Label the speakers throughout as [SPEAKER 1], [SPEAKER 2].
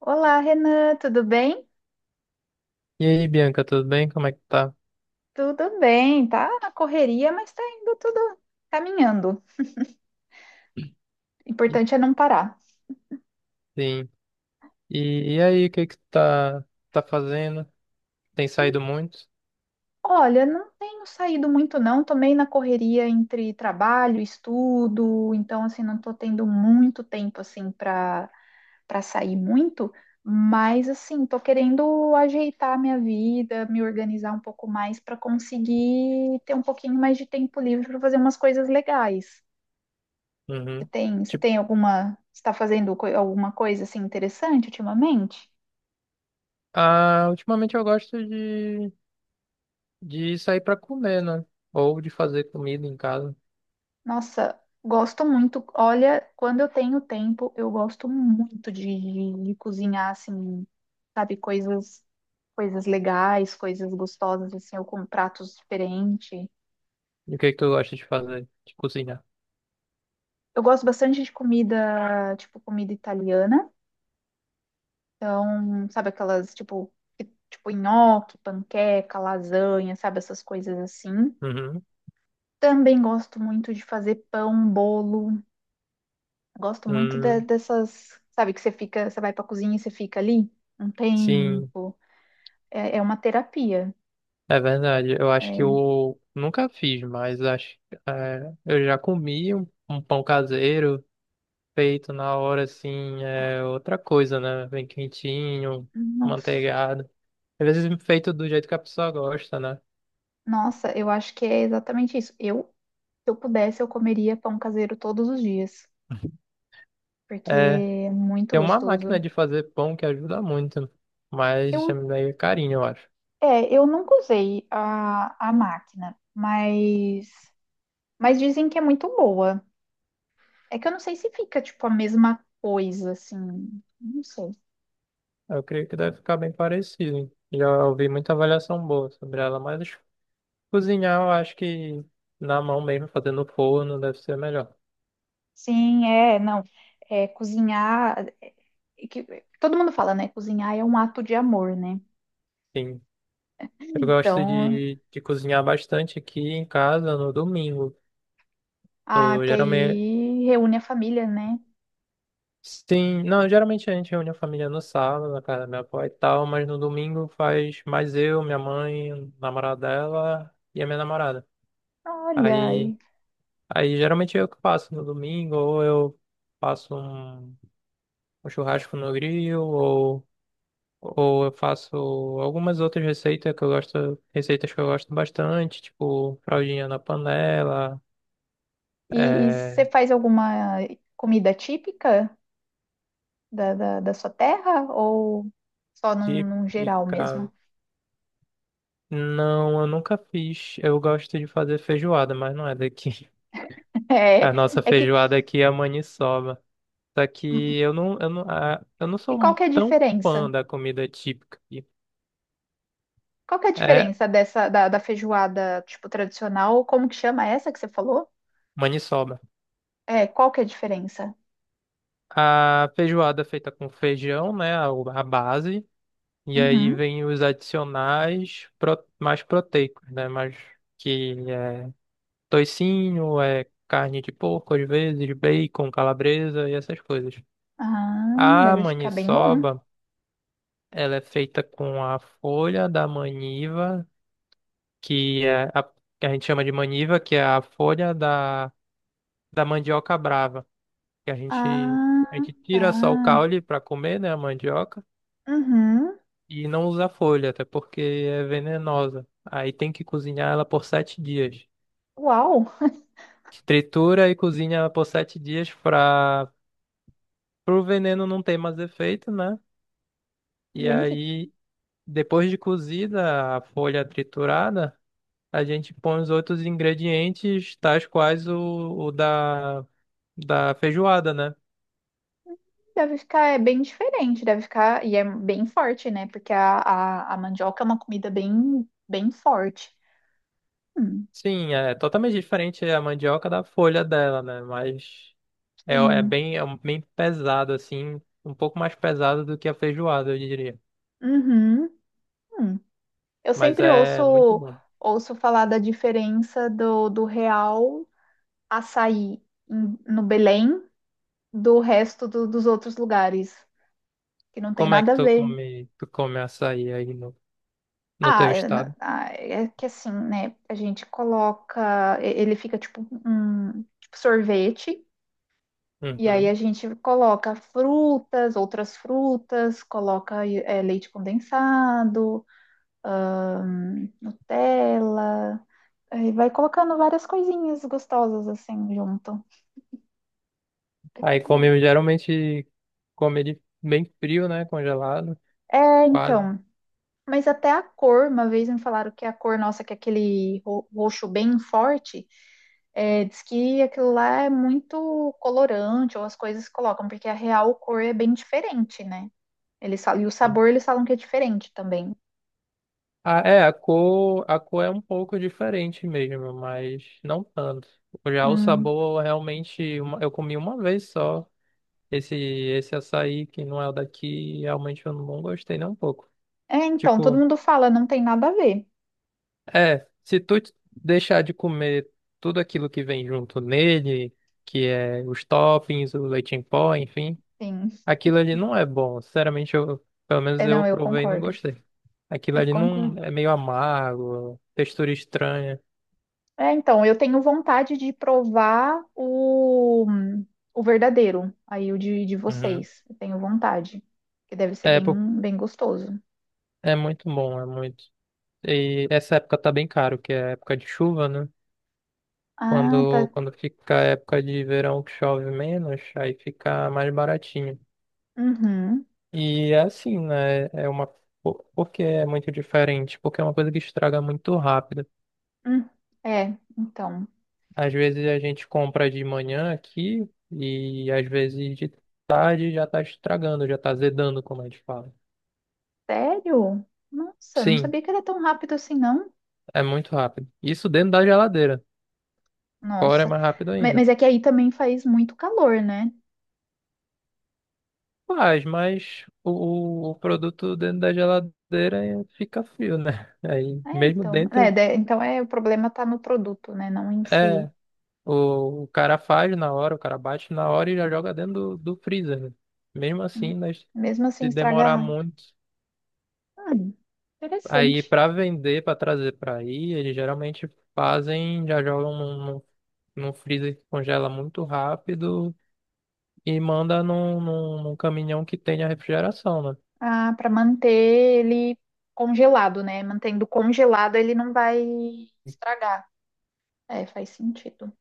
[SPEAKER 1] Olá, Renan, tudo bem?
[SPEAKER 2] E aí, Bianca, tudo bem? Como é que tá?
[SPEAKER 1] Tudo bem, tá na correria, mas tá indo tudo caminhando. O importante é não parar.
[SPEAKER 2] Sim. E aí, o que que tu tá fazendo? Tem saído muito?
[SPEAKER 1] Olha, não tenho saído muito não, tô meio na correria entre trabalho, estudo, então assim, não tô tendo muito tempo assim para sair muito, mas assim, tô querendo ajeitar minha vida, me organizar um pouco mais para conseguir ter um pouquinho mais de tempo livre para fazer umas coisas legais.
[SPEAKER 2] Uhum.
[SPEAKER 1] Você
[SPEAKER 2] Tipo,
[SPEAKER 1] tem alguma, está fazendo alguma coisa assim interessante ultimamente?
[SPEAKER 2] ah, ultimamente eu gosto de sair pra comer, né? Ou de fazer comida em casa.
[SPEAKER 1] Nossa, gosto muito. Olha, quando eu tenho tempo, eu gosto muito de cozinhar assim, sabe, coisas legais, coisas gostosas assim, ou com pratos diferentes.
[SPEAKER 2] E o que que tu gosta de fazer? De cozinhar?
[SPEAKER 1] Eu gosto bastante de comida, tipo comida italiana. Então, sabe aquelas tipo nhoque, panqueca, lasanha, sabe essas coisas assim.
[SPEAKER 2] Uhum.
[SPEAKER 1] Também gosto muito de fazer pão, bolo. Gosto muito
[SPEAKER 2] Hum,
[SPEAKER 1] dessas, sabe, que você fica, você vai pra cozinha e você fica ali um
[SPEAKER 2] sim,
[SPEAKER 1] tempo. É uma terapia.
[SPEAKER 2] é verdade. Eu acho que
[SPEAKER 1] É,
[SPEAKER 2] eu nunca fiz, mas acho, é, eu já comi um pão caseiro feito na hora, assim, é outra coisa, né? Vem quentinho,
[SPEAKER 1] nossa,
[SPEAKER 2] manteigado. Às vezes feito do jeito que a pessoa gosta, né?
[SPEAKER 1] nossa, eu acho que é exatamente isso. Eu, se eu pudesse, eu comeria pão caseiro todos os dias, porque
[SPEAKER 2] É,
[SPEAKER 1] é muito
[SPEAKER 2] tem uma máquina
[SPEAKER 1] gostoso.
[SPEAKER 2] de fazer pão que ajuda muito, mas é
[SPEAKER 1] Eu,
[SPEAKER 2] meio carinho, eu acho.
[SPEAKER 1] é, eu nunca usei a máquina, mas dizem que é muito boa. É que eu não sei se fica, tipo, a mesma coisa, assim. Não sei.
[SPEAKER 2] Eu creio que deve ficar bem parecido. Já ouvi muita avaliação boa sobre ela, mas cozinhar eu acho que na mão mesmo, fazendo no forno, deve ser melhor.
[SPEAKER 1] Sim, é, não. É, cozinhar. É que todo mundo fala, né? Cozinhar é um ato de amor, né?
[SPEAKER 2] Sim. Eu gosto
[SPEAKER 1] Então,
[SPEAKER 2] de cozinhar bastante aqui em casa no domingo.
[SPEAKER 1] ah,
[SPEAKER 2] Eu
[SPEAKER 1] que
[SPEAKER 2] geralme-
[SPEAKER 1] aí reúne a família, né?
[SPEAKER 2] Sim, não, geralmente a gente reúne a família no sábado, na casa da minha avó e tal, mas no domingo faz mais eu, minha mãe, o namorado dela e a minha namorada.
[SPEAKER 1] Olha,
[SPEAKER 2] Aí,
[SPEAKER 1] e,
[SPEAKER 2] aí geralmente é eu que passo no domingo, ou eu faço um churrasco no grill, ou eu faço algumas outras receitas que eu gosto, receitas que eu gosto bastante, tipo fraldinha na panela,
[SPEAKER 1] e, e você
[SPEAKER 2] é,
[SPEAKER 1] faz alguma comida típica da sua terra ou só
[SPEAKER 2] típica.
[SPEAKER 1] num geral mesmo?
[SPEAKER 2] Não, eu nunca fiz. Eu gosto de fazer feijoada, mas não é daqui.
[SPEAKER 1] É,
[SPEAKER 2] A nossa
[SPEAKER 1] é que.
[SPEAKER 2] feijoada aqui é a maniçoba. Só que eu não
[SPEAKER 1] E
[SPEAKER 2] sou
[SPEAKER 1] qual que é a
[SPEAKER 2] tão
[SPEAKER 1] diferença?
[SPEAKER 2] fã da comida típica aqui.
[SPEAKER 1] Qual que é a
[SPEAKER 2] É
[SPEAKER 1] diferença dessa da feijoada, tipo, tradicional? Como que chama essa que você falou?
[SPEAKER 2] maniçoba.
[SPEAKER 1] É, qual que é a diferença?
[SPEAKER 2] A feijoada é feita com feijão, né? A base. E aí
[SPEAKER 1] Uhum.
[SPEAKER 2] vem os adicionais mais proteicos, né? Mais que é toicinho, é carne de porco, às vezes, bacon, calabresa e essas coisas.
[SPEAKER 1] Ah,
[SPEAKER 2] A
[SPEAKER 1] deve ficar bem bom.
[SPEAKER 2] maniçoba, ela é feita com a folha da maniva que é que a gente chama de maniva, que é a folha da mandioca brava, que a gente,
[SPEAKER 1] Ah,
[SPEAKER 2] a gente tira só o
[SPEAKER 1] tá.
[SPEAKER 2] caule para comer, né, a mandioca,
[SPEAKER 1] Uhum.
[SPEAKER 2] e não usa a folha, até porque é venenosa. Aí tem que cozinhar ela por 7 dias.
[SPEAKER 1] Uau!
[SPEAKER 2] Tritura e cozinha ela por 7 dias para o veneno não ter mais efeito, né? E
[SPEAKER 1] Gente,
[SPEAKER 2] aí, depois de cozida a folha triturada, a gente põe os outros ingredientes, tais quais o da feijoada, né?
[SPEAKER 1] deve ficar é, bem diferente, deve ficar, e é bem forte, né? Porque a mandioca é uma comida bem, bem forte. Hum,
[SPEAKER 2] Sim, é totalmente diferente a mandioca da folha dela, né? Mas é
[SPEAKER 1] sim.
[SPEAKER 2] bem, bem pesado, assim, um pouco mais pesado do que a feijoada, eu diria.
[SPEAKER 1] Uhum. Hum. Eu
[SPEAKER 2] Mas
[SPEAKER 1] sempre
[SPEAKER 2] é muito bom.
[SPEAKER 1] ouço falar da diferença do real açaí no Belém do resto dos outros lugares, que não tem
[SPEAKER 2] Como é que
[SPEAKER 1] nada a
[SPEAKER 2] tu
[SPEAKER 1] ver.
[SPEAKER 2] come, tu come açaí aí no
[SPEAKER 1] Ah,
[SPEAKER 2] teu
[SPEAKER 1] é,
[SPEAKER 2] estado?
[SPEAKER 1] é que assim, né? A gente coloca, ele fica tipo um tipo sorvete, e aí
[SPEAKER 2] Uhum.
[SPEAKER 1] a gente coloca frutas, outras frutas, coloca é, leite condensado, Nutella, aí vai colocando várias coisinhas gostosas assim junto.
[SPEAKER 2] Aí come, geralmente come ele bem frio, né? Congelado,
[SPEAKER 1] É,
[SPEAKER 2] quase.
[SPEAKER 1] então. Mas até a cor, uma vez me falaram que a cor nossa, que é aquele roxo bem forte, é, diz que aquilo lá é muito colorante, ou as coisas colocam, porque a real cor é bem diferente, né? Eles falam, e o sabor eles falam que é diferente também.
[SPEAKER 2] Ah, é, a cor é um pouco diferente mesmo, mas não tanto. Já o
[SPEAKER 1] Hum.
[SPEAKER 2] sabor, realmente, eu comi uma vez só. Esse açaí que não é o daqui, realmente eu não gostei nem um pouco.
[SPEAKER 1] É, então, todo
[SPEAKER 2] Tipo,
[SPEAKER 1] mundo fala, não tem nada a ver.
[SPEAKER 2] é, se tu deixar de comer tudo aquilo que vem junto nele, que é os toppings, o leite em pó, enfim,
[SPEAKER 1] Sim.
[SPEAKER 2] aquilo ali não é bom. Sinceramente, eu, pelo menos
[SPEAKER 1] É,
[SPEAKER 2] eu
[SPEAKER 1] não, eu
[SPEAKER 2] provei e não
[SPEAKER 1] concordo.
[SPEAKER 2] gostei. Aquilo
[SPEAKER 1] Eu
[SPEAKER 2] ali
[SPEAKER 1] concordo.
[SPEAKER 2] não é meio amargo, textura estranha.
[SPEAKER 1] É, então, eu tenho vontade de provar o verdadeiro, aí de
[SPEAKER 2] Uhum.
[SPEAKER 1] vocês. Eu tenho vontade, que deve ser
[SPEAKER 2] É,
[SPEAKER 1] bem,
[SPEAKER 2] po-
[SPEAKER 1] bem gostoso.
[SPEAKER 2] é muito bom, é muito. E essa época tá bem caro, que é a época de chuva, né?
[SPEAKER 1] Ah,
[SPEAKER 2] Quando,
[SPEAKER 1] tá.
[SPEAKER 2] quando fica a época de verão que chove menos, aí fica mais baratinho.
[SPEAKER 1] Uhum.
[SPEAKER 2] E é assim, né? Porque é muito diferente, porque é uma coisa que estraga muito rápido.
[SPEAKER 1] Hum. É, então.
[SPEAKER 2] Às vezes a gente compra de manhã aqui e às vezes de tarde já tá estragando, já tá zedando, como a gente fala.
[SPEAKER 1] Sério? Nossa, não
[SPEAKER 2] Sim,
[SPEAKER 1] sabia que era tão rápido assim, não.
[SPEAKER 2] é muito rápido. Isso dentro da geladeira. Fora é
[SPEAKER 1] Nossa.
[SPEAKER 2] mais rápido ainda.
[SPEAKER 1] Mas é que aí também faz muito calor, né?
[SPEAKER 2] Faz, mas o produto dentro da geladeira fica frio, né? Aí,
[SPEAKER 1] É,
[SPEAKER 2] mesmo
[SPEAKER 1] então. É,
[SPEAKER 2] dentro,
[SPEAKER 1] então é, o problema tá no produto, né? Não em si.
[SPEAKER 2] é, o cara faz na hora, o cara bate na hora e já joga dentro do freezer, né? Mesmo assim,
[SPEAKER 1] Hum.
[SPEAKER 2] nós,
[SPEAKER 1] Mesmo assim,
[SPEAKER 2] se demorar
[SPEAKER 1] estragar.
[SPEAKER 2] muito,
[SPEAKER 1] Hum,
[SPEAKER 2] aí
[SPEAKER 1] interessante.
[SPEAKER 2] para vender, para trazer para aí, eles geralmente fazem, já jogam num freezer que congela muito rápido e manda num caminhão que tenha refrigeração, né?
[SPEAKER 1] Ah, para manter ele congelado, né? Mantendo congelado, ele não vai estragar. É, faz sentido.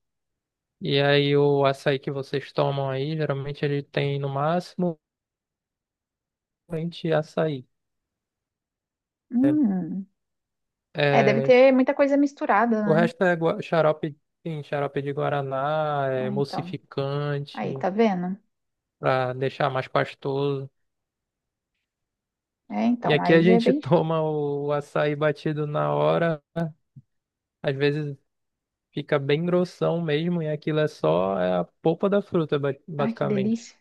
[SPEAKER 2] E aí o açaí que vocês tomam aí, geralmente ele tem no máximo 20 açaí.
[SPEAKER 1] Hum. É, deve
[SPEAKER 2] É,
[SPEAKER 1] ter muita coisa misturada,
[SPEAKER 2] o
[SPEAKER 1] né?
[SPEAKER 2] resto é xarope, sim, xarope de guaraná, é
[SPEAKER 1] Ah, então. Aí,
[SPEAKER 2] emulsificante,
[SPEAKER 1] tá vendo?
[SPEAKER 2] para deixar mais pastoso.
[SPEAKER 1] É,
[SPEAKER 2] E
[SPEAKER 1] então,
[SPEAKER 2] aqui
[SPEAKER 1] aí
[SPEAKER 2] a
[SPEAKER 1] já é
[SPEAKER 2] gente
[SPEAKER 1] bem. Diferente.
[SPEAKER 2] toma o açaí batido na hora, às vezes fica bem grossão mesmo, e aquilo é só é a polpa da fruta, ba-
[SPEAKER 1] Ai, que
[SPEAKER 2] basicamente.
[SPEAKER 1] delícia.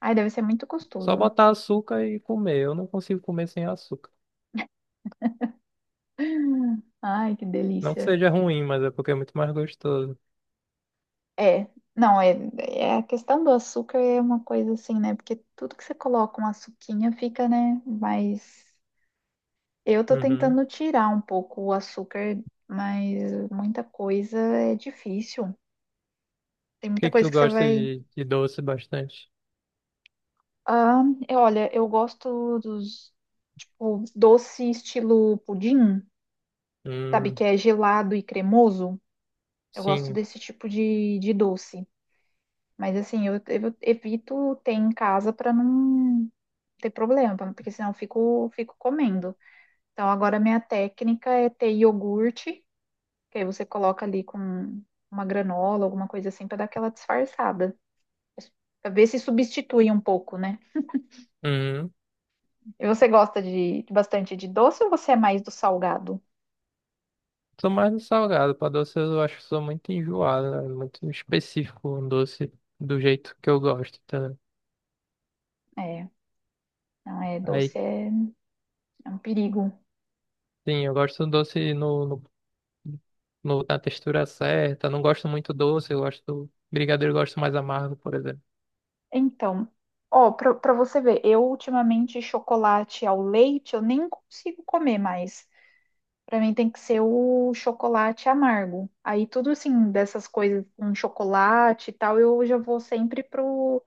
[SPEAKER 1] Ai, deve ser muito
[SPEAKER 2] Só
[SPEAKER 1] gostoso.
[SPEAKER 2] botar açúcar e comer. Eu não consigo comer sem açúcar.
[SPEAKER 1] Ai, que
[SPEAKER 2] Não que
[SPEAKER 1] delícia.
[SPEAKER 2] seja ruim, mas é porque é muito mais gostoso.
[SPEAKER 1] É, não, é, é a questão do açúcar é uma coisa assim, né? Porque tudo que você coloca um açuquinha fica, né, mais eu tô
[SPEAKER 2] Uhum.
[SPEAKER 1] tentando tirar um pouco o açúcar, mas muita coisa é difícil. Tem
[SPEAKER 2] Que
[SPEAKER 1] muita
[SPEAKER 2] é que
[SPEAKER 1] coisa
[SPEAKER 2] tu
[SPEAKER 1] que você
[SPEAKER 2] gosta
[SPEAKER 1] vai.
[SPEAKER 2] de doce bastante?
[SPEAKER 1] Ah, olha, eu gosto dos o doce estilo pudim, sabe?
[SPEAKER 2] Hum,
[SPEAKER 1] Que é gelado e cremoso. Eu gosto
[SPEAKER 2] sim.
[SPEAKER 1] desse tipo de doce. Mas assim, eu evito ter em casa para não ter problema, porque senão eu fico comendo. Então agora minha técnica é ter iogurte. Que aí você coloca ali com uma granola, alguma coisa assim, para dar aquela disfarçada. Pra ver se substitui um pouco, né?
[SPEAKER 2] Hum.
[SPEAKER 1] E você gosta de bastante de doce ou você é mais do salgado?
[SPEAKER 2] Sou mais no salgado. Pra doce eu acho que sou muito enjoado, né? Muito específico um doce do jeito que eu gosto, tá?
[SPEAKER 1] É, não é
[SPEAKER 2] Aí,
[SPEAKER 1] doce, é, é um perigo.
[SPEAKER 2] sim, eu gosto do doce na textura certa. Não gosto muito doce. Brigadeiro eu gosto mais amargo, por exemplo.
[SPEAKER 1] Então, ó, pra você ver, eu ultimamente chocolate ao leite eu nem consigo comer mais. Pra mim tem que ser o chocolate amargo. Aí tudo assim, dessas coisas com chocolate e tal, eu já vou sempre pro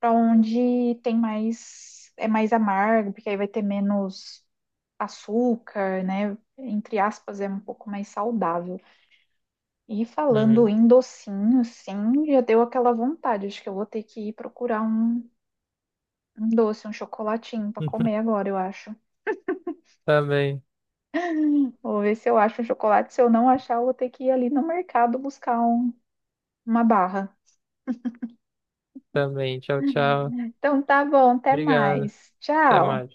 [SPEAKER 1] para onde tem mais, é mais amargo, porque aí vai ter menos açúcar, né? Entre aspas, é um pouco mais saudável. E falando
[SPEAKER 2] Uhum.
[SPEAKER 1] em docinho, sim, já deu aquela vontade. Acho que eu vou ter que ir procurar um doce, um chocolatinho para comer agora, eu acho.
[SPEAKER 2] Também,
[SPEAKER 1] Vou ver se eu acho um chocolate. Se eu não achar, eu vou ter que ir ali no mercado buscar uma barra.
[SPEAKER 2] também. Tchau, tchau.
[SPEAKER 1] Então tá bom, até
[SPEAKER 2] Obrigado.
[SPEAKER 1] mais.
[SPEAKER 2] Até
[SPEAKER 1] Tchau.
[SPEAKER 2] mais.